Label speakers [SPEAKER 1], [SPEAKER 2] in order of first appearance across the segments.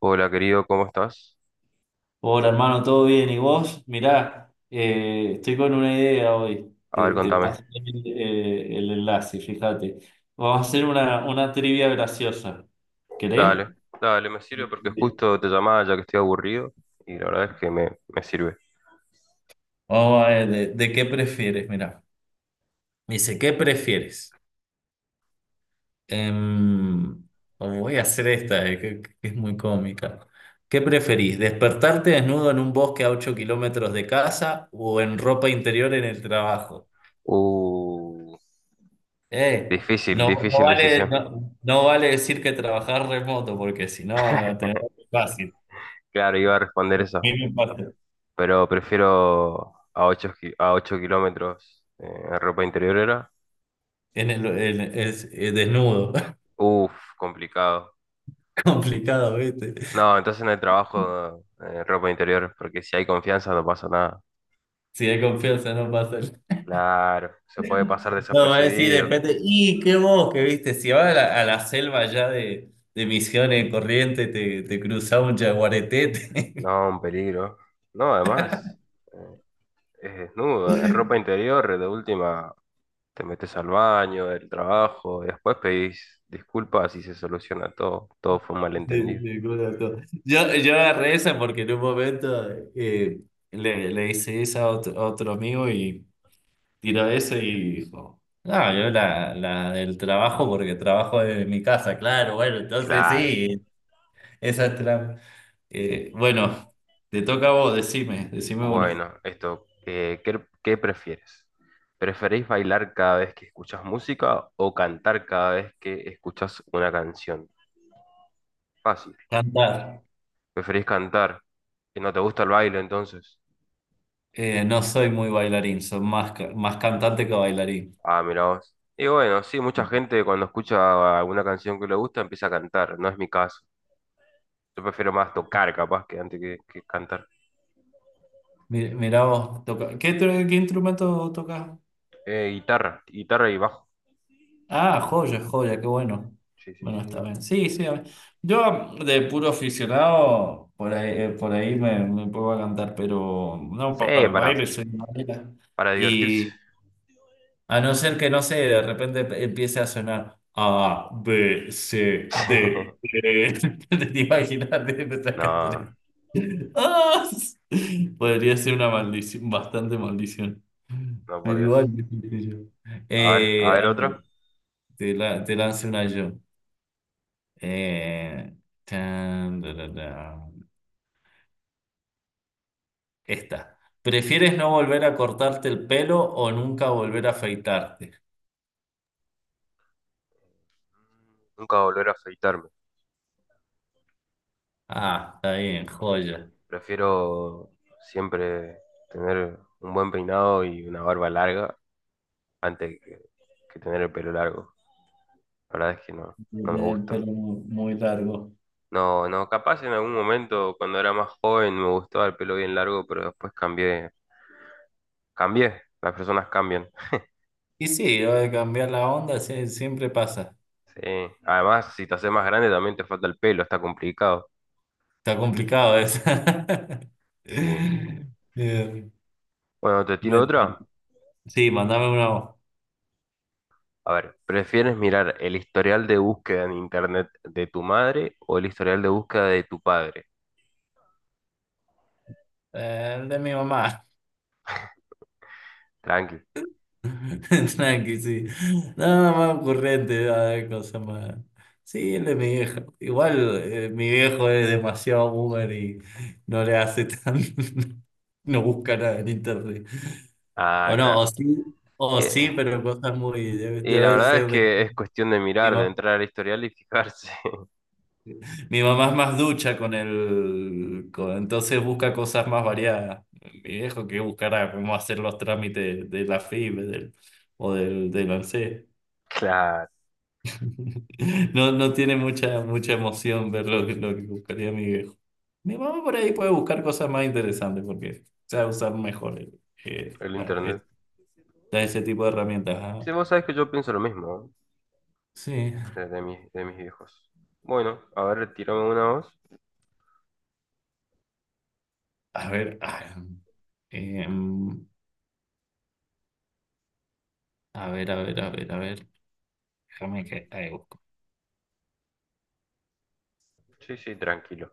[SPEAKER 1] Hola querido, ¿cómo estás?
[SPEAKER 2] Hola hermano, ¿todo bien? ¿Y vos? Mirá, estoy con una idea hoy.
[SPEAKER 1] A
[SPEAKER 2] Te,
[SPEAKER 1] ver,
[SPEAKER 2] te
[SPEAKER 1] contame.
[SPEAKER 2] paso el enlace, fíjate. Vamos a hacer una trivia graciosa.
[SPEAKER 1] Dale,
[SPEAKER 2] ¿Querés?
[SPEAKER 1] dale, me sirve porque
[SPEAKER 2] Sí.
[SPEAKER 1] justo te llamaba ya que estoy aburrido y la verdad es que me sirve.
[SPEAKER 2] Vamos a ver, ¿de qué prefieres? Mirá. Dice, ¿qué prefieres? Em, oh, voy a hacer esta, que es muy cómica. ¿Qué preferís? ¿Despertarte desnudo en un bosque a 8 kilómetros de casa o en ropa interior en el trabajo?
[SPEAKER 1] Uh,
[SPEAKER 2] Eh,
[SPEAKER 1] difícil,
[SPEAKER 2] no, no
[SPEAKER 1] difícil
[SPEAKER 2] vale,
[SPEAKER 1] decisión.
[SPEAKER 2] no, no vale decir que trabajar remoto, porque si no, tenés fácil,
[SPEAKER 1] Claro, iba a responder esa,
[SPEAKER 2] mínimo impacto.
[SPEAKER 1] pero prefiero a 8 kilómetros en ropa interior era.
[SPEAKER 2] En el, en- es desnudo,
[SPEAKER 1] Uf, complicado.
[SPEAKER 2] complicado, ¿viste?
[SPEAKER 1] No, entonces en el trabajo, ropa interior, porque si hay confianza no pasa nada.
[SPEAKER 2] Si hay confianza, no pasa.
[SPEAKER 1] Claro, se puede pasar
[SPEAKER 2] No, va a decir de
[SPEAKER 1] desapercibido.
[SPEAKER 2] repente, y qué vos, que viste, si vas a la selva ya de Misiones Corrientes, te cruzás un jaguareté. te-
[SPEAKER 1] No, un peligro. No, además, eh, es desnudo, en ropa interior. De última te metes al baño del trabajo, y después pedís disculpas y se soluciona todo. Todo fue un
[SPEAKER 2] te-
[SPEAKER 1] malentendido.
[SPEAKER 2] te todo. Yo agarré esa porque en un momento le hice esa a otro amigo y tiró ese y dijo, no, yo la del trabajo porque trabajo desde mi casa, claro, bueno, entonces
[SPEAKER 1] Claro.
[SPEAKER 2] sí, esa es la... bueno, te toca a vos, decime una.
[SPEAKER 1] Bueno, esto, ¿qué prefieres? ¿Preferís bailar cada vez que escuchas música o cantar cada vez que escuchas una canción? Fácil.
[SPEAKER 2] Cantar.
[SPEAKER 1] ¿Preferís cantar? ¿Y no te gusta el baile entonces?
[SPEAKER 2] No soy muy bailarín, soy más cantante que bailarín.
[SPEAKER 1] Ah, mira vos. Y bueno, sí, mucha gente cuando escucha alguna canción que le gusta empieza a cantar. No es mi caso. Yo prefiero más tocar, capaz, que que cantar.
[SPEAKER 2] Mirá vos, toca. ¿Qué instrumento tocas?
[SPEAKER 1] Guitarra, guitarra y bajo.
[SPEAKER 2] Ah, joya, joya, qué bueno.
[SPEAKER 1] Sí, sí,
[SPEAKER 2] Bueno,
[SPEAKER 1] sí, sí.
[SPEAKER 2] está bien. Sí, sí. A ver. Yo de puro aficionado, por ahí me puedo a cantar, pero no
[SPEAKER 1] Sí,
[SPEAKER 2] para el
[SPEAKER 1] para,
[SPEAKER 2] baile, soy madera.
[SPEAKER 1] para divertirse.
[SPEAKER 2] Y a no ser que, no sé, de repente empiece a sonar A, B, C, D, E. ¿Te imaginas de empezar a cantar
[SPEAKER 1] No,
[SPEAKER 2] eso? ¡Ah! Podría ser una maldición, bastante maldición.
[SPEAKER 1] no, por
[SPEAKER 2] Pero igual,
[SPEAKER 1] Dios.
[SPEAKER 2] qué sé yo.
[SPEAKER 1] A
[SPEAKER 2] Eh,
[SPEAKER 1] ver otra.
[SPEAKER 2] te lanzo una yo. Eh, tan, da, da, da. Esta. ¿Prefieres no volver a cortarte el pelo o nunca volver a afeitarte?
[SPEAKER 1] Nunca volver a afeitarme.
[SPEAKER 2] Ah, está bien, joya.
[SPEAKER 1] Prefiero siempre tener un buen peinado y una barba larga antes que tener el pelo largo. La verdad es que no,
[SPEAKER 2] Yo
[SPEAKER 1] no me
[SPEAKER 2] tenía el
[SPEAKER 1] gusta.
[SPEAKER 2] pelo muy, muy largo.
[SPEAKER 1] No, no, capaz en algún momento cuando era más joven me gustaba el pelo bien largo, pero después cambié, cambié, las personas cambian.
[SPEAKER 2] Y sí, va a cambiar la onda, sí, siempre pasa.
[SPEAKER 1] Sí, además, si te haces más grande también te falta el pelo, está complicado.
[SPEAKER 2] Está complicado eso.
[SPEAKER 1] Sí.
[SPEAKER 2] Bien.
[SPEAKER 1] Bueno, te tiro
[SPEAKER 2] Bueno,
[SPEAKER 1] otra.
[SPEAKER 2] sí, mandame una voz.
[SPEAKER 1] A ver, ¿prefieres mirar el historial de búsqueda en internet de tu madre o el historial de búsqueda de tu padre?
[SPEAKER 2] El de mi mamá.
[SPEAKER 1] Tranqui.
[SPEAKER 2] Tranqui, sí. Nada más ocurrente, a cosa más. Sí, el de mi viejo. Igual mi viejo es demasiado boomer y no le hace tan. No busca nada en internet.
[SPEAKER 1] Ah,
[SPEAKER 2] O no,
[SPEAKER 1] claro.
[SPEAKER 2] o
[SPEAKER 1] Y,
[SPEAKER 2] sí, pero cosas muy. Debe,
[SPEAKER 1] y la
[SPEAKER 2] debe
[SPEAKER 1] verdad es
[SPEAKER 2] ser de.
[SPEAKER 1] que es cuestión de
[SPEAKER 2] Mi,
[SPEAKER 1] mirar, de
[SPEAKER 2] ma-
[SPEAKER 1] entrar al historial y fijarse.
[SPEAKER 2] mi mamá es más ducha con el. Entonces busca cosas más variadas. Mi viejo que buscará cómo hacer los trámites de la FIB del ANSES.
[SPEAKER 1] Claro,
[SPEAKER 2] No, no tiene mucha emoción ver lo que buscaría mi viejo. Mi mamá por ahí puede buscar cosas más interesantes porque sabe usar mejor
[SPEAKER 1] el internet.
[SPEAKER 2] ese tipo de herramientas. Ajá.
[SPEAKER 1] Sí, vos sabés que yo pienso lo mismo, ¿no?
[SPEAKER 2] Sí.
[SPEAKER 1] De, de mis viejos. Bueno, a ver, tirame una voz.
[SPEAKER 2] A ver, em, a ver, a ver, a ver, a ver. Déjame que ahí busco.
[SPEAKER 1] Sí, sí, tranquilo.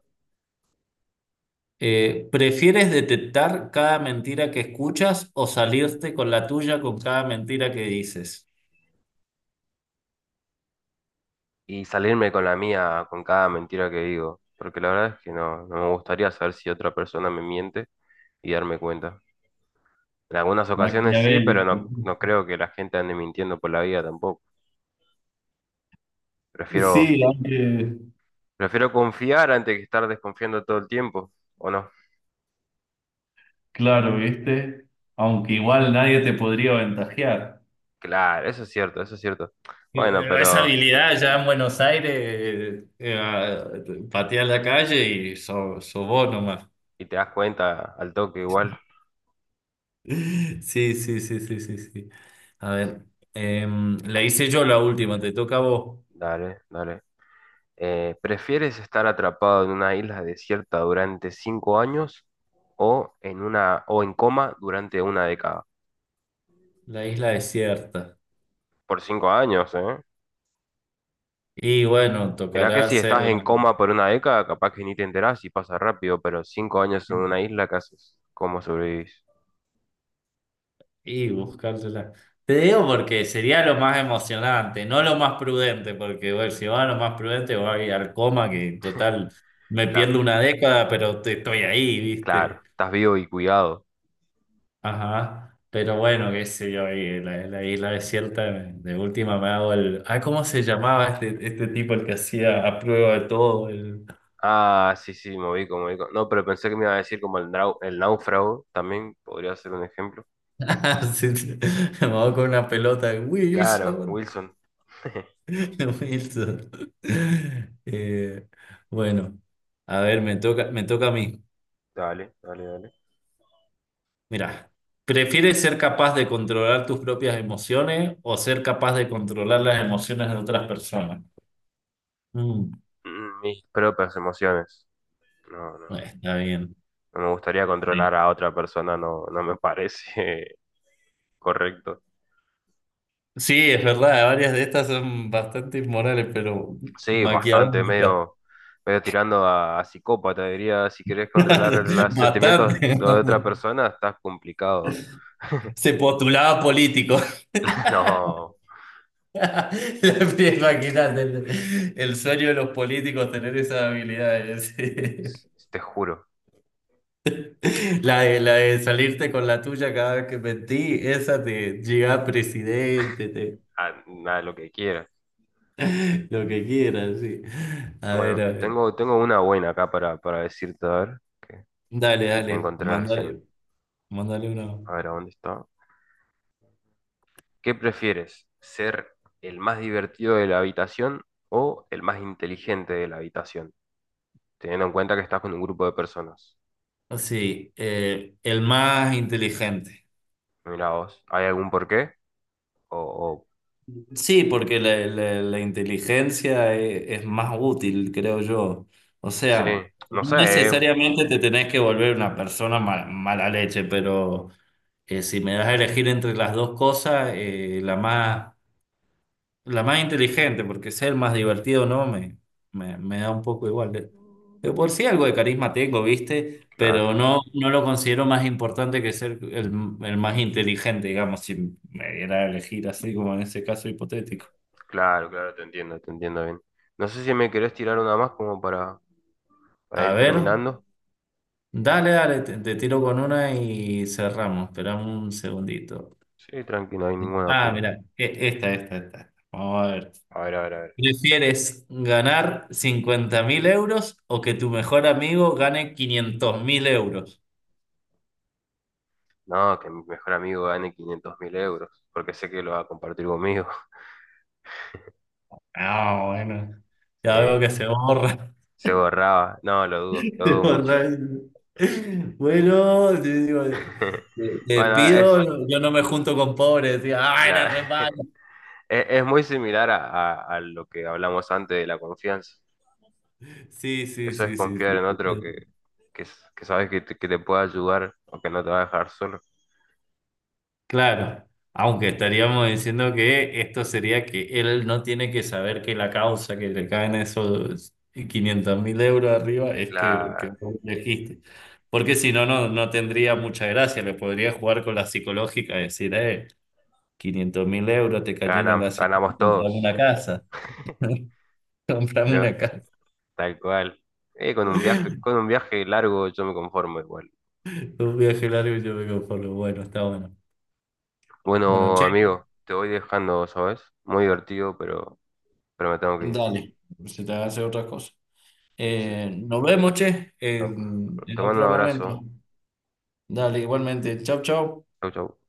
[SPEAKER 2] ¿Prefieres detectar cada mentira que escuchas o salirte con la tuya con cada mentira que dices?
[SPEAKER 1] Y salirme con la mía, con cada mentira que digo, porque la verdad es que no, no me gustaría saber si otra persona me miente y darme cuenta. En algunas ocasiones sí, pero
[SPEAKER 2] Maquiavélico.
[SPEAKER 1] no, no creo que la gente ande mintiendo por la vida tampoco. Prefiero,
[SPEAKER 2] Sí, aunque.
[SPEAKER 1] prefiero confiar antes que estar desconfiando todo el tiempo, ¿o no?
[SPEAKER 2] Claro, ¿viste? Aunque igual nadie te podría aventajear.
[SPEAKER 1] Claro, eso es cierto, eso es cierto.
[SPEAKER 2] Digo,
[SPEAKER 1] Bueno,
[SPEAKER 2] esa
[SPEAKER 1] pero
[SPEAKER 2] habilidad ya en Buenos Aires, patear la calle y so vos nomás.
[SPEAKER 1] y te das cuenta al toque igual.
[SPEAKER 2] Sí, sí, sí, sí, sí, sí. A ver, la hice yo la última, te toca a vos,
[SPEAKER 1] Dale, dale. ¿Prefieres estar atrapado en una isla desierta durante 5 años o en coma durante una década?
[SPEAKER 2] la isla desierta.
[SPEAKER 1] Por 5 años, ¿eh?
[SPEAKER 2] Y bueno,
[SPEAKER 1] Mirá que
[SPEAKER 2] tocará
[SPEAKER 1] si estás
[SPEAKER 2] hacerla.
[SPEAKER 1] en coma por una década, capaz que ni te enterás y pasa rápido, pero 5 años en una isla, ¿qué haces? ¿Cómo sobrevivís?
[SPEAKER 2] Y buscársela. Te digo porque sería lo más emocionante, no lo más prudente, porque bueno, si va a lo más prudente voy al coma, que total me
[SPEAKER 1] Claro,
[SPEAKER 2] pierdo una década, pero estoy ahí,
[SPEAKER 1] claro,
[SPEAKER 2] ¿viste?
[SPEAKER 1] estás vivo y cuidado.
[SPEAKER 2] Ajá. Pero bueno, qué sé yo, ahí en la isla desierta, de última me hago el... Ah, ¿cómo se llamaba este tipo el que hacía a prueba de todo? El...
[SPEAKER 1] Ah, sí, sí, me ubico, me ubico. No, pero pensé que me iba a decir como el, el náufrago, también podría ser un ejemplo.
[SPEAKER 2] Sí, sí. Me hago con una pelota de
[SPEAKER 1] Claro,
[SPEAKER 2] Wilson.
[SPEAKER 1] Wilson.
[SPEAKER 2] Wilson. Eh, bueno, a ver, me toca a mí.
[SPEAKER 1] Dale, dale, dale.
[SPEAKER 2] Mira, ¿prefieres ser capaz de controlar tus propias emociones o ser capaz de controlar las emociones de otras personas? Mm,
[SPEAKER 1] Mm, mis propias emociones. No, no,
[SPEAKER 2] está bien.
[SPEAKER 1] no me gustaría
[SPEAKER 2] Sí,
[SPEAKER 1] controlar a otra persona, no, no me parece correcto.
[SPEAKER 2] sí, es verdad, varias de estas son bastante inmorales, pero
[SPEAKER 1] Sí, bastante,
[SPEAKER 2] maquiavélicas.
[SPEAKER 1] medio tirando a psicópata, diría, si querés controlar los sentimientos
[SPEAKER 2] Bastante.
[SPEAKER 1] de otra persona, estás complicado.
[SPEAKER 2] Se postulaba político.
[SPEAKER 1] No,
[SPEAKER 2] Las pies máquinas el sueño de los políticos tener esas habilidades.
[SPEAKER 1] te juro,
[SPEAKER 2] Sí. La de salirte con la tuya cada vez que mentí, esa te llega a presidente, te,
[SPEAKER 1] a, a lo que quieras.
[SPEAKER 2] lo que quieras, sí. A ver,
[SPEAKER 1] Bueno,
[SPEAKER 2] a ver.
[SPEAKER 1] tengo una buena acá para decirte, a ver, que
[SPEAKER 2] Dale, dale,
[SPEAKER 1] encontré recién.
[SPEAKER 2] mándale, mándale
[SPEAKER 1] A
[SPEAKER 2] uno.
[SPEAKER 1] ver, ¿a dónde está? ¿Qué prefieres? ¿Ser el más divertido de la habitación o el más inteligente de la habitación? Teniendo en cuenta que estás con un grupo de personas.
[SPEAKER 2] Sí, el más inteligente.
[SPEAKER 1] Mira vos, ¿hay algún porqué? O, o-
[SPEAKER 2] Sí, porque la inteligencia es, más útil, creo yo. O
[SPEAKER 1] sí,
[SPEAKER 2] sea,
[SPEAKER 1] no
[SPEAKER 2] no
[SPEAKER 1] sé, eh,
[SPEAKER 2] necesariamente te tenés que volver una persona mala leche, pero si me das a elegir entre las dos cosas, la más inteligente, porque ser más divertido o no, me da un poco igual. De por sí algo de carisma tengo, ¿viste?
[SPEAKER 1] claro.
[SPEAKER 2] Pero no, no lo considero más importante que ser el más inteligente, digamos, si me diera a elegir así como en ese caso hipotético.
[SPEAKER 1] Claro, claro, te entiendo bien. No sé si me querés tirar una más como para
[SPEAKER 2] A
[SPEAKER 1] ir
[SPEAKER 2] ver,
[SPEAKER 1] terminando.
[SPEAKER 2] dale, dale, te tiro con una y cerramos. Esperamos un segundito.
[SPEAKER 1] Sí, tranquilo, no hay ningún
[SPEAKER 2] Ah,
[SPEAKER 1] apuro.
[SPEAKER 2] mira, esta. Vamos a ver.
[SPEAKER 1] A ver, a ver, a ver.
[SPEAKER 2] ¿Prefieres ganar 50.000 euros o que tu mejor amigo gane 500.000 euros?
[SPEAKER 1] No, que mi mejor amigo gane 500.000 euros, porque sé que lo va a compartir conmigo.
[SPEAKER 2] Ah, bueno,
[SPEAKER 1] Sí,
[SPEAKER 2] ya veo que se borra.
[SPEAKER 1] se borraba. No, lo
[SPEAKER 2] Se
[SPEAKER 1] dudo mucho.
[SPEAKER 2] borra. Bueno, yo digo, te te
[SPEAKER 1] Bueno, es
[SPEAKER 2] pido, yo no me junto con pobres. Decía, ah, era
[SPEAKER 1] claro.
[SPEAKER 2] re malo.
[SPEAKER 1] Es muy similar a, a lo que hablamos antes de la confianza.
[SPEAKER 2] Sí, sí,
[SPEAKER 1] Eso es
[SPEAKER 2] sí, sí,
[SPEAKER 1] confiar
[SPEAKER 2] sí.
[SPEAKER 1] en otro
[SPEAKER 2] Sí.
[SPEAKER 1] que sabes que te puede ayudar o que no te va a dejar solo.
[SPEAKER 2] Claro, aunque estaríamos diciendo que esto sería que él no tiene que saber que la causa que le caen esos 500.000 euros arriba es que
[SPEAKER 1] Claro,
[SPEAKER 2] vos elegiste. Porque si no, no, no tendría mucha gracia, le podría jugar con la psicológica y decir, 500.000 euros te cayeron gracias a mí,
[SPEAKER 1] ganamos
[SPEAKER 2] comprame una
[SPEAKER 1] todos.
[SPEAKER 2] casa, comprame
[SPEAKER 1] Lo-
[SPEAKER 2] una casa.
[SPEAKER 1] tal cual. Con un viaje largo yo me conformo igual.
[SPEAKER 2] Un viaje largo y yo me conformo. Bueno, está bueno. Bueno,
[SPEAKER 1] Bueno,
[SPEAKER 2] che,
[SPEAKER 1] amigo, te voy dejando, ¿sabes? Muy divertido, pero me tengo que ir.
[SPEAKER 2] dale, se te hace otra cosa.
[SPEAKER 1] Sí, che.
[SPEAKER 2] Nos vemos, che, en
[SPEAKER 1] Te
[SPEAKER 2] en
[SPEAKER 1] mando un
[SPEAKER 2] otro momento.
[SPEAKER 1] abrazo.
[SPEAKER 2] Dale, igualmente. Chau, chau.
[SPEAKER 1] Chau, chau.